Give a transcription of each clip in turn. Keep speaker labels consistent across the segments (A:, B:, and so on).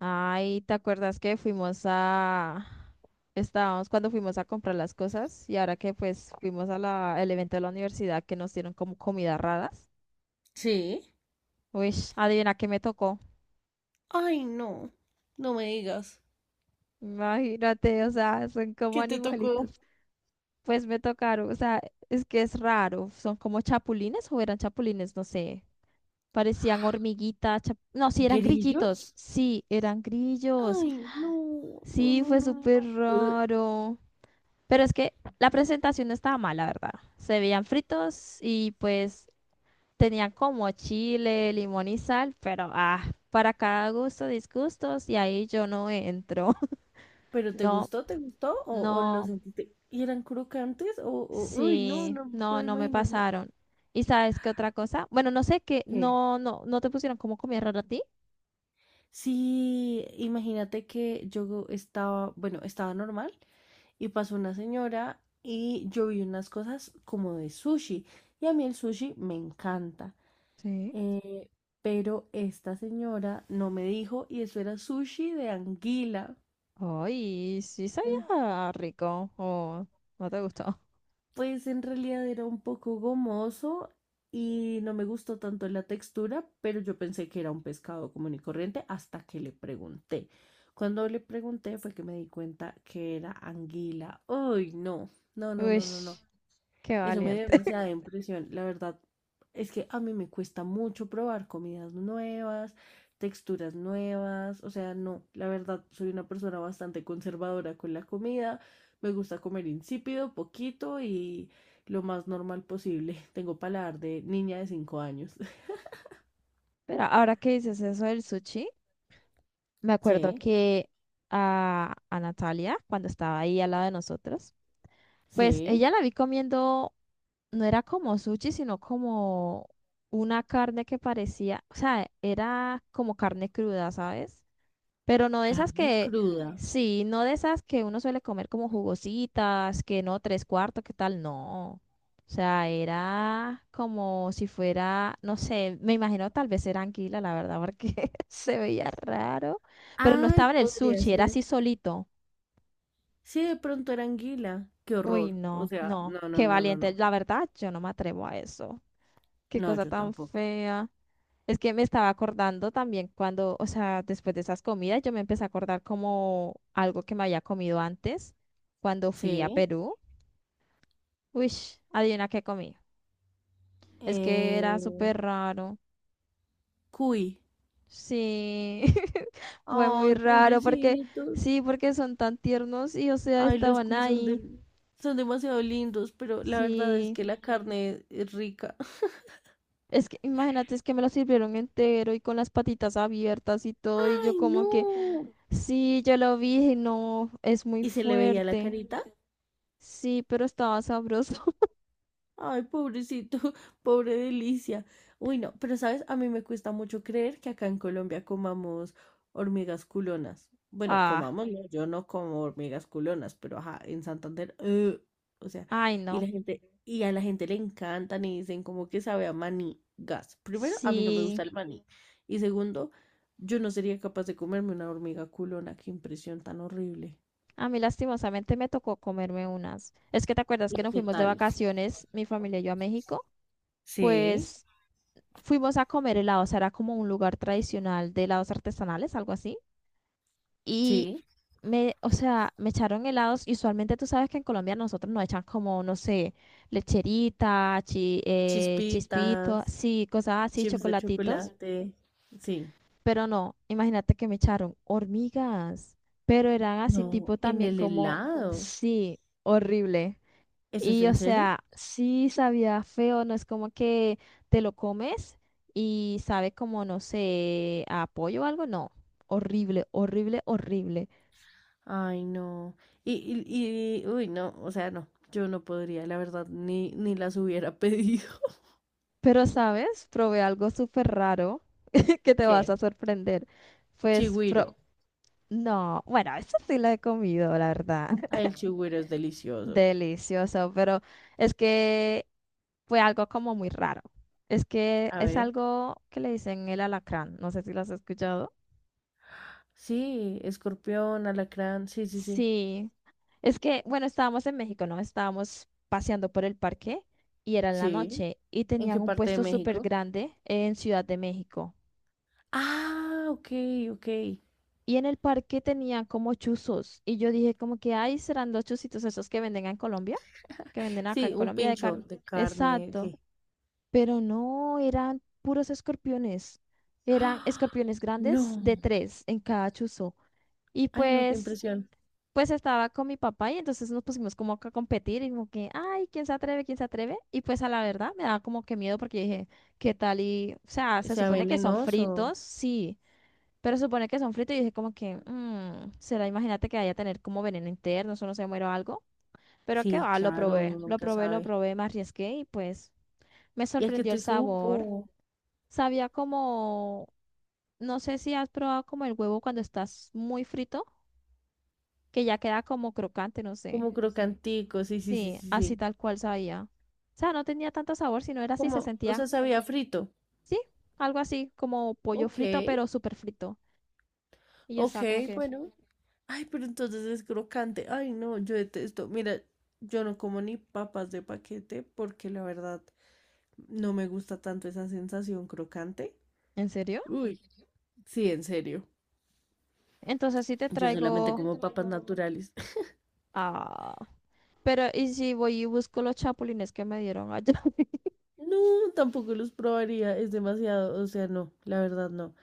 A: Ay, ¿te acuerdas que fuimos a... Estábamos cuando fuimos a comprar las cosas y ahora que pues fuimos a la... el evento de la universidad que nos dieron como comidas raras.
B: Sí.
A: Uy, adivina qué me tocó.
B: Ay, no. No me digas.
A: Imagínate, o sea, son como
B: ¿Qué te tocó?
A: animalitos. Pues me tocaron, o sea, es que es raro. Son como chapulines o eran chapulines, no sé. Parecían hormiguitas, no, sí, eran grillitos.
B: ¿Grillos?
A: Sí, eran grillos.
B: Ay, no, no,
A: Sí,
B: no, no,
A: fue
B: no.
A: súper
B: no. Ugh.
A: raro. Pero es que la presentación no estaba mal, la verdad. Se veían fritos y pues tenían como chile, limón y sal, pero para cada gusto, disgustos, y ahí yo no entro.
B: ¿Pero te
A: No,
B: gustó? ¿Te gustó? O lo
A: no,
B: sentiste? ¿Y eran crocantes? Uy, no,
A: sí,
B: no
A: no,
B: puedo
A: no me
B: imaginarme.
A: pasaron. ¿Y sabes qué otra cosa? Bueno, no sé qué,
B: ¿Qué?
A: no, no te pusieron como comida rara a ti.
B: Sí, imagínate que yo estaba, bueno, estaba normal y pasó una señora y yo vi unas cosas como de sushi y a mí el sushi me encanta.
A: Sí.
B: Eh, pero esta señora no me dijo y eso era sushi de anguila.
A: Ay, sí
B: En-
A: sabía rico. Oh, no te gustó.
B: Pues en realidad era un poco gomoso y no me gustó tanto la textura, pero yo pensé que era un pescado común y corriente hasta que le pregunté. Cuando le pregunté fue que me di cuenta que era anguila. Uy, no, no, no,
A: Uy,
B: no, no, no.
A: qué
B: Eso me dio
A: valiente.
B: demasiada impresión. La verdad es que a mí me cuesta mucho probar comidas nuevas, texturas nuevas. O sea, no, la verdad soy una persona bastante conservadora con la comida. Me gusta comer insípido, poquito y lo más normal posible. Tengo paladar de niña de 5 años.
A: Pero ahora que dices eso del sushi. Me acuerdo
B: Sí,
A: que a Natalia, cuando estaba ahí al lado de nosotros, pues
B: sí.
A: ella la vi comiendo, no era como sushi, sino como una carne que parecía, o sea, era como carne cruda, ¿sabes? Pero no de esas
B: Carne
A: que,
B: cruda.
A: sí, no de esas que uno suele comer como jugositas, que no, tres cuartos, que tal, no. O sea, era como si fuera, no sé, me imagino tal vez era anguila, la verdad, porque se veía raro. Pero no
B: Ay,
A: estaba en el
B: podría
A: sushi, era
B: ser.
A: así solito.
B: Sí, de pronto era anguila. Qué
A: Uy,
B: horror. O
A: no,
B: sea,
A: no,
B: no, no,
A: qué
B: no, no,
A: valiente.
B: no.
A: La verdad, yo no me atrevo a eso. Qué
B: No,
A: cosa
B: yo
A: tan
B: tampoco.
A: fea. Es que me estaba acordando también cuando, o sea, después de esas comidas, yo me empecé a acordar como algo que me había comido antes cuando fui a
B: Sí.
A: Perú. Uy, adivina qué comí. Es que era
B: Eh,
A: súper raro.
B: cuy.
A: Sí, fue muy
B: Ay,
A: raro porque,
B: pobrecitos.
A: sí, porque son tan tiernos y, o sea,
B: Ay, los
A: estaban
B: cuy son de,
A: ahí.
B: Son demasiado lindos, pero la verdad es
A: Sí,
B: que la carne es rica.
A: es que imagínate, es que me lo sirvieron entero y con las patitas abiertas y todo, y
B: Ay,
A: yo como que,
B: no.
A: sí, yo lo vi y no, es muy
B: Y se le veía la
A: fuerte.
B: carita.
A: Sí, pero estaba sabroso.
B: Ay, pobrecito, pobre delicia. Uy, no, pero sabes, a mí me cuesta mucho creer que acá en Colombia comamos hormigas culonas. Bueno,
A: Ah,
B: comamos, no, yo no como hormigas culonas, pero ajá, en Santander, o sea,
A: ay, no.
B: y a la gente le encantan y dicen como que sabe a maní, gas. Primero, a mí no me
A: Sí.
B: gusta el maní. Y segundo, yo no sería capaz de comerme una hormiga culona, qué impresión tan horrible.
A: A mí lastimosamente me tocó comerme unas. Es que te acuerdas
B: ¿Y
A: que nos
B: qué
A: fuimos de
B: tal?
A: vacaciones, mi familia y yo a México.
B: Sí,
A: Pues fuimos a comer helados. Era como un lugar tradicional de helados artesanales, algo así. Y
B: sí,
A: me, o sea, me echaron helados. Y usualmente tú sabes que en Colombia nosotros nos echan como, no sé, lecherita,
B: chispitas.
A: chispito, sí, cosas así,
B: Chips de
A: chocolatitos.
B: chocolate, sí.
A: Pero no, imagínate que me echaron hormigas, pero eran así
B: No,
A: tipo
B: en
A: también
B: el
A: como,
B: helado.
A: sí, horrible.
B: ¿Eso es
A: Y o
B: en serio?
A: sea, sí sabía feo, no es como que te lo comes y sabe como, no sé, a pollo o algo, no. Horrible, horrible, horrible.
B: Ay, no. Y, uy, no, o sea, no, yo no podría, la verdad, ni las hubiera pedido.
A: Pero, ¿sabes? Probé algo súper raro que te vas
B: ¿Qué?
A: a sorprender. Pues,
B: Chigüiro.
A: no, bueno, eso sí lo he comido, la verdad.
B: Ay, el chigüiro es delicioso.
A: Delicioso, pero es que fue algo como muy raro. Es que
B: A
A: es
B: ver.
A: algo que le dicen el alacrán. No sé si lo has escuchado.
B: Sí, escorpión, alacrán, sí, sí, sí.
A: Sí. Es que, bueno, estábamos en México, ¿no? Estábamos paseando por el parque y era en la
B: Sí.
A: noche y
B: ¿En
A: tenían
B: qué
A: un
B: parte de
A: puesto súper
B: México?
A: grande en Ciudad de México.
B: Ah, ok, ok.
A: Y en el parque tenían como chuzos. Y yo dije como que, ay, serán los chuzitos esos que venden en Colombia, que venden acá
B: Sí,
A: en
B: un
A: Colombia de
B: pincho
A: carne.
B: de carne,
A: Exacto.
B: sí.
A: Pero no, eran puros escorpiones. Eran
B: ¡Ah!
A: escorpiones grandes de
B: No.
A: tres en cada chuzo. Y
B: Ay, no, qué
A: pues,
B: impresión.
A: pues estaba con mi papá y entonces nos pusimos como que a competir y como que, ay, ¿quién se atreve? ¿Quién se atreve? Y pues a la verdad me daba como que miedo porque dije, ¿qué tal? Y, o sea, se
B: Sea
A: supone que son
B: venenoso.
A: fritos, sí, pero se supone que son fritos y dije como que, será, imagínate que vaya a tener como veneno interno, eso no se muero algo. Pero qué
B: Sí,
A: va, lo
B: claro,
A: probé,
B: uno
A: lo
B: nunca
A: probé, lo
B: sabe.
A: probé, me arriesgué y pues me
B: Y es que
A: sorprendió el
B: te
A: sabor.
B: supo,
A: Sabía como, no sé si has probado como el huevo cuando estás muy frito, que ya queda como crocante, no sé.
B: como crocantico, sí, sí, sí,
A: Sí,
B: sí,
A: así
B: sí.
A: tal cual sabía. O sea, no tenía tanto sabor, sino era así,
B: Como,
A: se
B: o
A: sentía,
B: sea, sabía frito.
A: sí, algo así, como pollo
B: Ok,
A: frito, pero súper frito. Y ya
B: ok,
A: estaba como que,
B: bueno. Ay, pero entonces es crocante. Ay, no, yo detesto. Mira, yo no como ni papas de paquete porque la verdad no me gusta tanto esa sensación crocante.
A: ¿en serio?
B: Uy, sí, en serio.
A: Entonces sí te
B: Yo solamente
A: traigo,
B: como papas naturales.
A: ah, pero ¿y si voy y busco los chapulines que me dieron allá?
B: No, tampoco los probaría, es demasiado, o sea, no, la verdad no.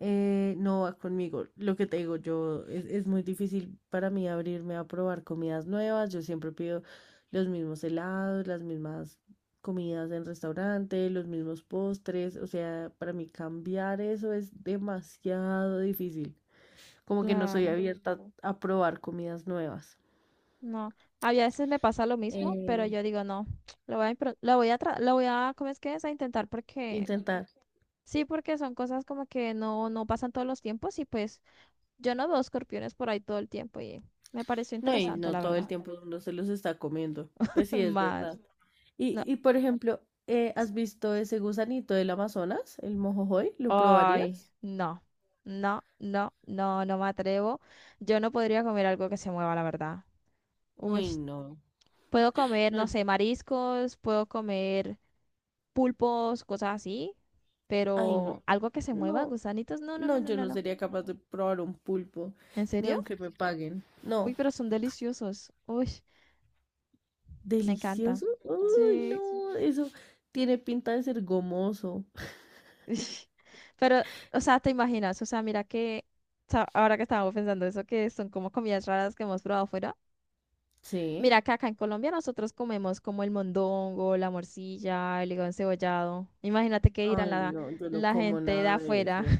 B: No va conmigo. Lo que te digo, es muy difícil para mí abrirme a probar comidas nuevas. Yo siempre pido los mismos helados, las mismas comidas en restaurante, los mismos postres. O sea, para mí cambiar eso es demasiado difícil. Como que no soy
A: Claro.
B: abierta a probar comidas nuevas.
A: No, a veces me pasa lo mismo, pero
B: Eh,
A: yo digo, no, lo voy a, ¿cómo es que es? A intentar porque,
B: intentar.
A: sí, porque son cosas como que no, no pasan todos los tiempos y pues yo no veo escorpiones por ahí todo el tiempo y me pareció
B: No, y
A: interesante,
B: no
A: la
B: todo el
A: verdad.
B: tiempo uno se los está comiendo. Pues sí, es
A: Más,
B: verdad.
A: no,
B: Y por ejemplo, ¿has visto ese gusanito del Amazonas, el mojojoy? ¿Lo
A: ay,
B: probarías?
A: no, no, no, no, no me atrevo. Yo no podría comer algo que se mueva, la verdad. Uy,
B: Uy, no.
A: puedo comer,
B: No,
A: no sé, mariscos, puedo comer. Pulpos, cosas así,
B: ay,
A: pero
B: no.
A: algo que se mueva,
B: No,
A: gusanitos, no, no,
B: no,
A: no, no,
B: yo
A: no,
B: no
A: no.
B: sería capaz de probar un pulpo,
A: ¿En
B: ni
A: serio?
B: aunque me paguen.
A: Uy,
B: No,
A: pero son deliciosos. Uy, me encanta.
B: delicioso. Uy,
A: Sí.
B: no, eso tiene pinta de ser gomoso.
A: Pero, o sea, te imaginas, o sea, mira que, o sea, ahora que estábamos pensando eso, que son como comidas raras que hemos probado fuera.
B: Sí.
A: Mira que acá en Colombia nosotros comemos como el mondongo, la morcilla, el hígado encebollado. Imagínate que irán
B: Ay,
A: la,
B: no, yo no
A: la
B: como
A: gente de
B: nada de
A: afuera,
B: eso.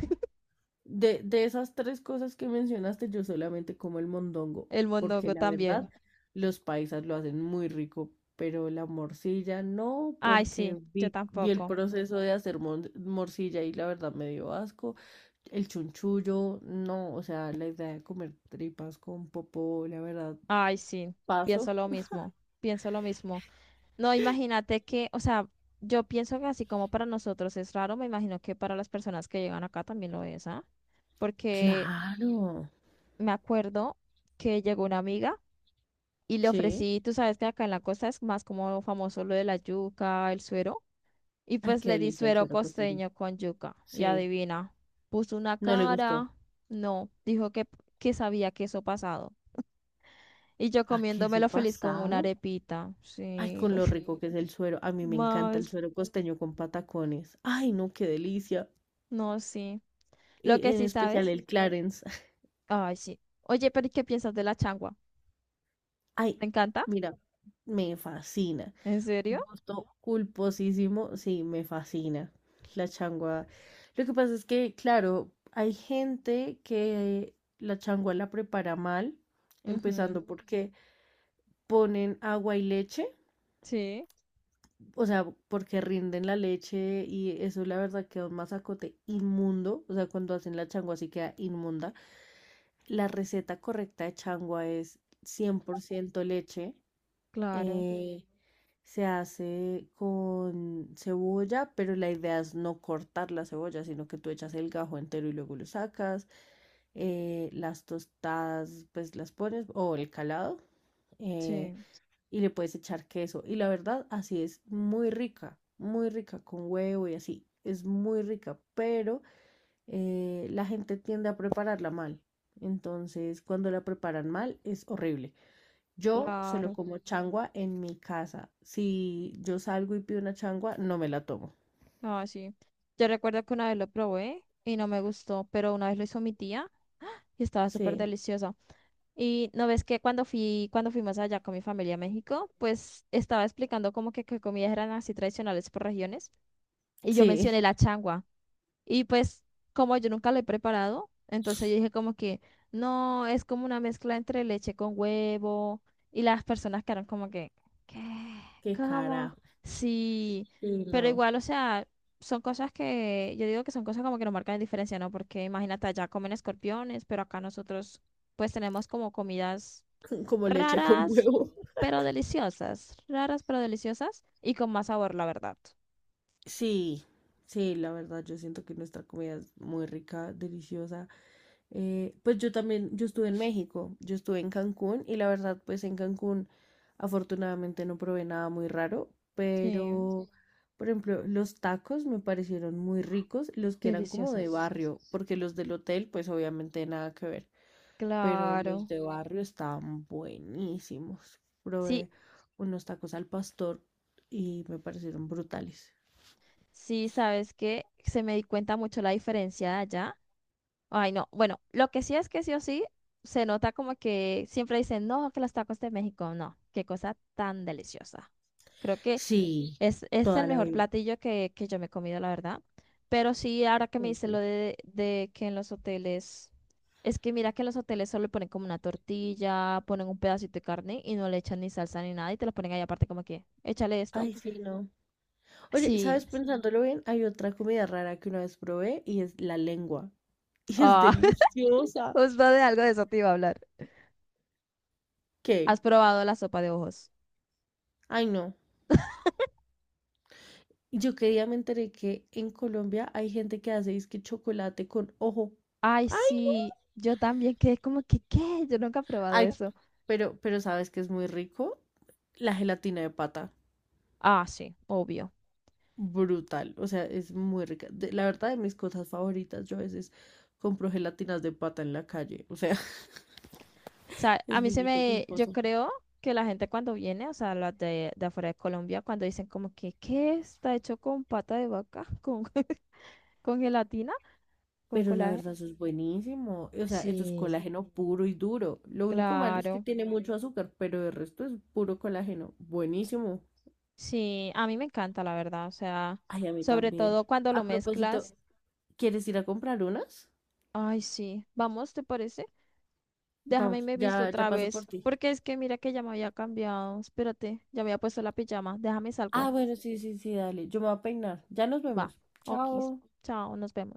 B: De esas tres cosas que mencionaste, yo solamente como el mondongo,
A: el
B: porque
A: mondongo
B: la
A: también.
B: verdad, los paisas lo hacen muy rico, pero la morcilla no,
A: Ay, sí,
B: porque
A: yo
B: vi el
A: tampoco.
B: proceso de hacer morcilla y la verdad me dio asco. El chunchullo, no, o sea, la idea de comer tripas con popó, la verdad,
A: Ay, sí, pienso
B: paso.
A: lo mismo, pienso lo mismo. No, imagínate que, o sea, yo pienso que así como para nosotros es raro, me imagino que para las personas que llegan acá también lo es, ¿ah? Porque
B: Claro,
A: me acuerdo que llegó una amiga y le
B: sí.
A: ofrecí, tú sabes que acá en la costa es más como famoso lo de la yuca, el suero, y
B: Ay,
A: pues
B: qué
A: le di
B: delicia el
A: suero
B: suero costeño.
A: costeño con yuca, y
B: Sí,
A: adivina, puso una
B: no le gustó.
A: cara, no, dijo que sabía queso pasado. Y yo
B: ¿A qué su
A: comiéndomelo feliz con una
B: pasado?
A: arepita.
B: Ay,
A: Sí.
B: con lo rico que es el suero. A mí me encanta el
A: Más.
B: suero costeño con patacones. Ay, no, qué delicia.
A: No, sí. Lo que
B: En
A: sí
B: especial
A: sabes.
B: el Clarence.
A: Ay, sí. Oye, pero ¿y qué piensas de la changua?
B: Ay,
A: ¿Te encanta?
B: mira, me fascina.
A: ¿En serio?
B: Gusto culposísimo, sí, me fascina. La changua. Lo que pasa es que, claro, hay gente que la changua la prepara mal,
A: Ujú.
B: empezando porque ponen agua y leche.
A: Sí,
B: O sea, porque rinden la leche y eso la verdad queda un masacote inmundo, o sea, cuando hacen la changua sí queda inmunda. La receta correcta de changua es 100% leche,
A: claro.
B: eh, se hace con cebolla, pero la idea es no cortar la cebolla, sino que tú echas el gajo entero y luego lo sacas. Las tostadas, pues las pones, o el calado. eh,
A: Sí,
B: y le puedes echar queso. Y la verdad, así es muy rica con huevo y así. Es muy rica, pero la gente tiende a prepararla mal. Entonces, cuando la preparan mal, es horrible. Yo solo
A: claro.
B: como changua en mi casa. Si yo salgo y pido una changua, no me la tomo.
A: Ah, sí. Yo recuerdo que una vez lo probé y no me gustó, pero una vez lo hizo mi tía y estaba súper
B: Sí,
A: deliciosa. Y no ves que cuando fui, cuando fuimos allá con mi familia a México, pues estaba explicando como que comidas eran así tradicionales por regiones. Y yo
B: sí,
A: mencioné la changua. Y pues como yo nunca lo he preparado, entonces yo dije como que no, es como una mezcla entre leche con huevo. Y las personas quedaron como que, ¿qué?
B: qué
A: ¿Cómo?
B: carajo.
A: Sí,
B: Sí,
A: pero
B: no.
A: igual, o sea, son cosas que, yo digo que son cosas como que no marcan diferencia, ¿no? Porque imagínate, allá comen escorpiones, pero acá nosotros pues tenemos como comidas
B: Como leche con
A: raras,
B: huevo.
A: raras pero deliciosas y con más sabor, la verdad.
B: Sí, sí, la verdad, yo siento que nuestra comida es muy rica, deliciosa. Pues yo también, yo estuve en México, yo estuve en Cancún y la verdad, pues en Cancún afortunadamente no probé nada muy raro,
A: Sí,
B: pero por ejemplo, los tacos me parecieron muy ricos, los que eran como de
A: deliciosas.
B: barrio, porque los del hotel, pues obviamente nada que ver, pero los
A: Claro.
B: de barrio estaban buenísimos.
A: Sí,
B: Probé unos tacos al pastor y me parecieron brutales.
A: sí, sabes que se me di cuenta mucho la diferencia de allá. Ay, no. Bueno, lo que sí es que sí o sí se nota como que siempre dicen, no, que los tacos de México, no, qué cosa tan deliciosa. Creo que
B: Sí,
A: es
B: toda
A: el
B: la
A: mejor
B: vida.
A: platillo que yo me he comido, la verdad. Pero sí, ahora que me
B: Sí,
A: dices lo
B: sí.
A: de que en los hoteles, es que mira que en los hoteles solo ponen como una tortilla, ponen un pedacito de carne y no le echan ni salsa ni nada y te lo ponen ahí aparte como que, échale esto.
B: Ay, sí, no. Oye,
A: Sí.
B: ¿sabes? Pensándolo bien, hay otra comida rara que una vez probé y es la lengua. Y es
A: Ah,
B: deliciosa.
A: Justo de algo de eso te iba a hablar.
B: ¿Qué?
A: ¿Has probado la sopa de ojos?
B: Ay, no. Yo que día me enteré que en Colombia hay gente que hace es chocolate con ojo.
A: Ay,
B: Ay,
A: sí, yo también quedé como que, ¿qué? Yo nunca he probado
B: ay,
A: eso.
B: pero, ¿sabes que es muy rico? La gelatina de pata.
A: Ah, sí, obvio.
B: Brutal. O sea, es muy rica. La verdad, de mis cosas favoritas, yo a veces compro gelatinas de pata en la calle. O sea,
A: O sea, a
B: es
A: mí
B: muy
A: se
B: rico,
A: me, yo
B: culposo.
A: creo que la gente cuando viene, o sea, las de afuera de Colombia, cuando dicen como que, ¿qué? Está hecho con pata de vaca, con, con gelatina, con
B: Pero la
A: colágeno.
B: verdad, eso es buenísimo. O sea, eso es
A: Sí,
B: colágeno puro y duro. Lo único malo es que
A: claro.
B: tiene mucho azúcar, pero el resto es puro colágeno. Buenísimo.
A: Sí, a mí me encanta, la verdad. O sea,
B: Ay, a mí
A: sobre
B: también.
A: todo cuando lo
B: A propósito,
A: mezclas.
B: ¿quieres ir a comprar unas?
A: Ay, sí. Vamos, ¿te parece? Déjame y
B: Vamos,
A: me visto
B: ya, ya
A: otra
B: paso por
A: vez.
B: ti.
A: Porque es que mira que ya me había cambiado. Espérate, ya me había puesto la pijama. Déjame y salgo.
B: Ah, bueno, sí, sí, sí, dale. Yo me voy a peinar. Ya nos
A: Va.
B: vemos.
A: Ok.
B: Chao.
A: Chao, nos vemos.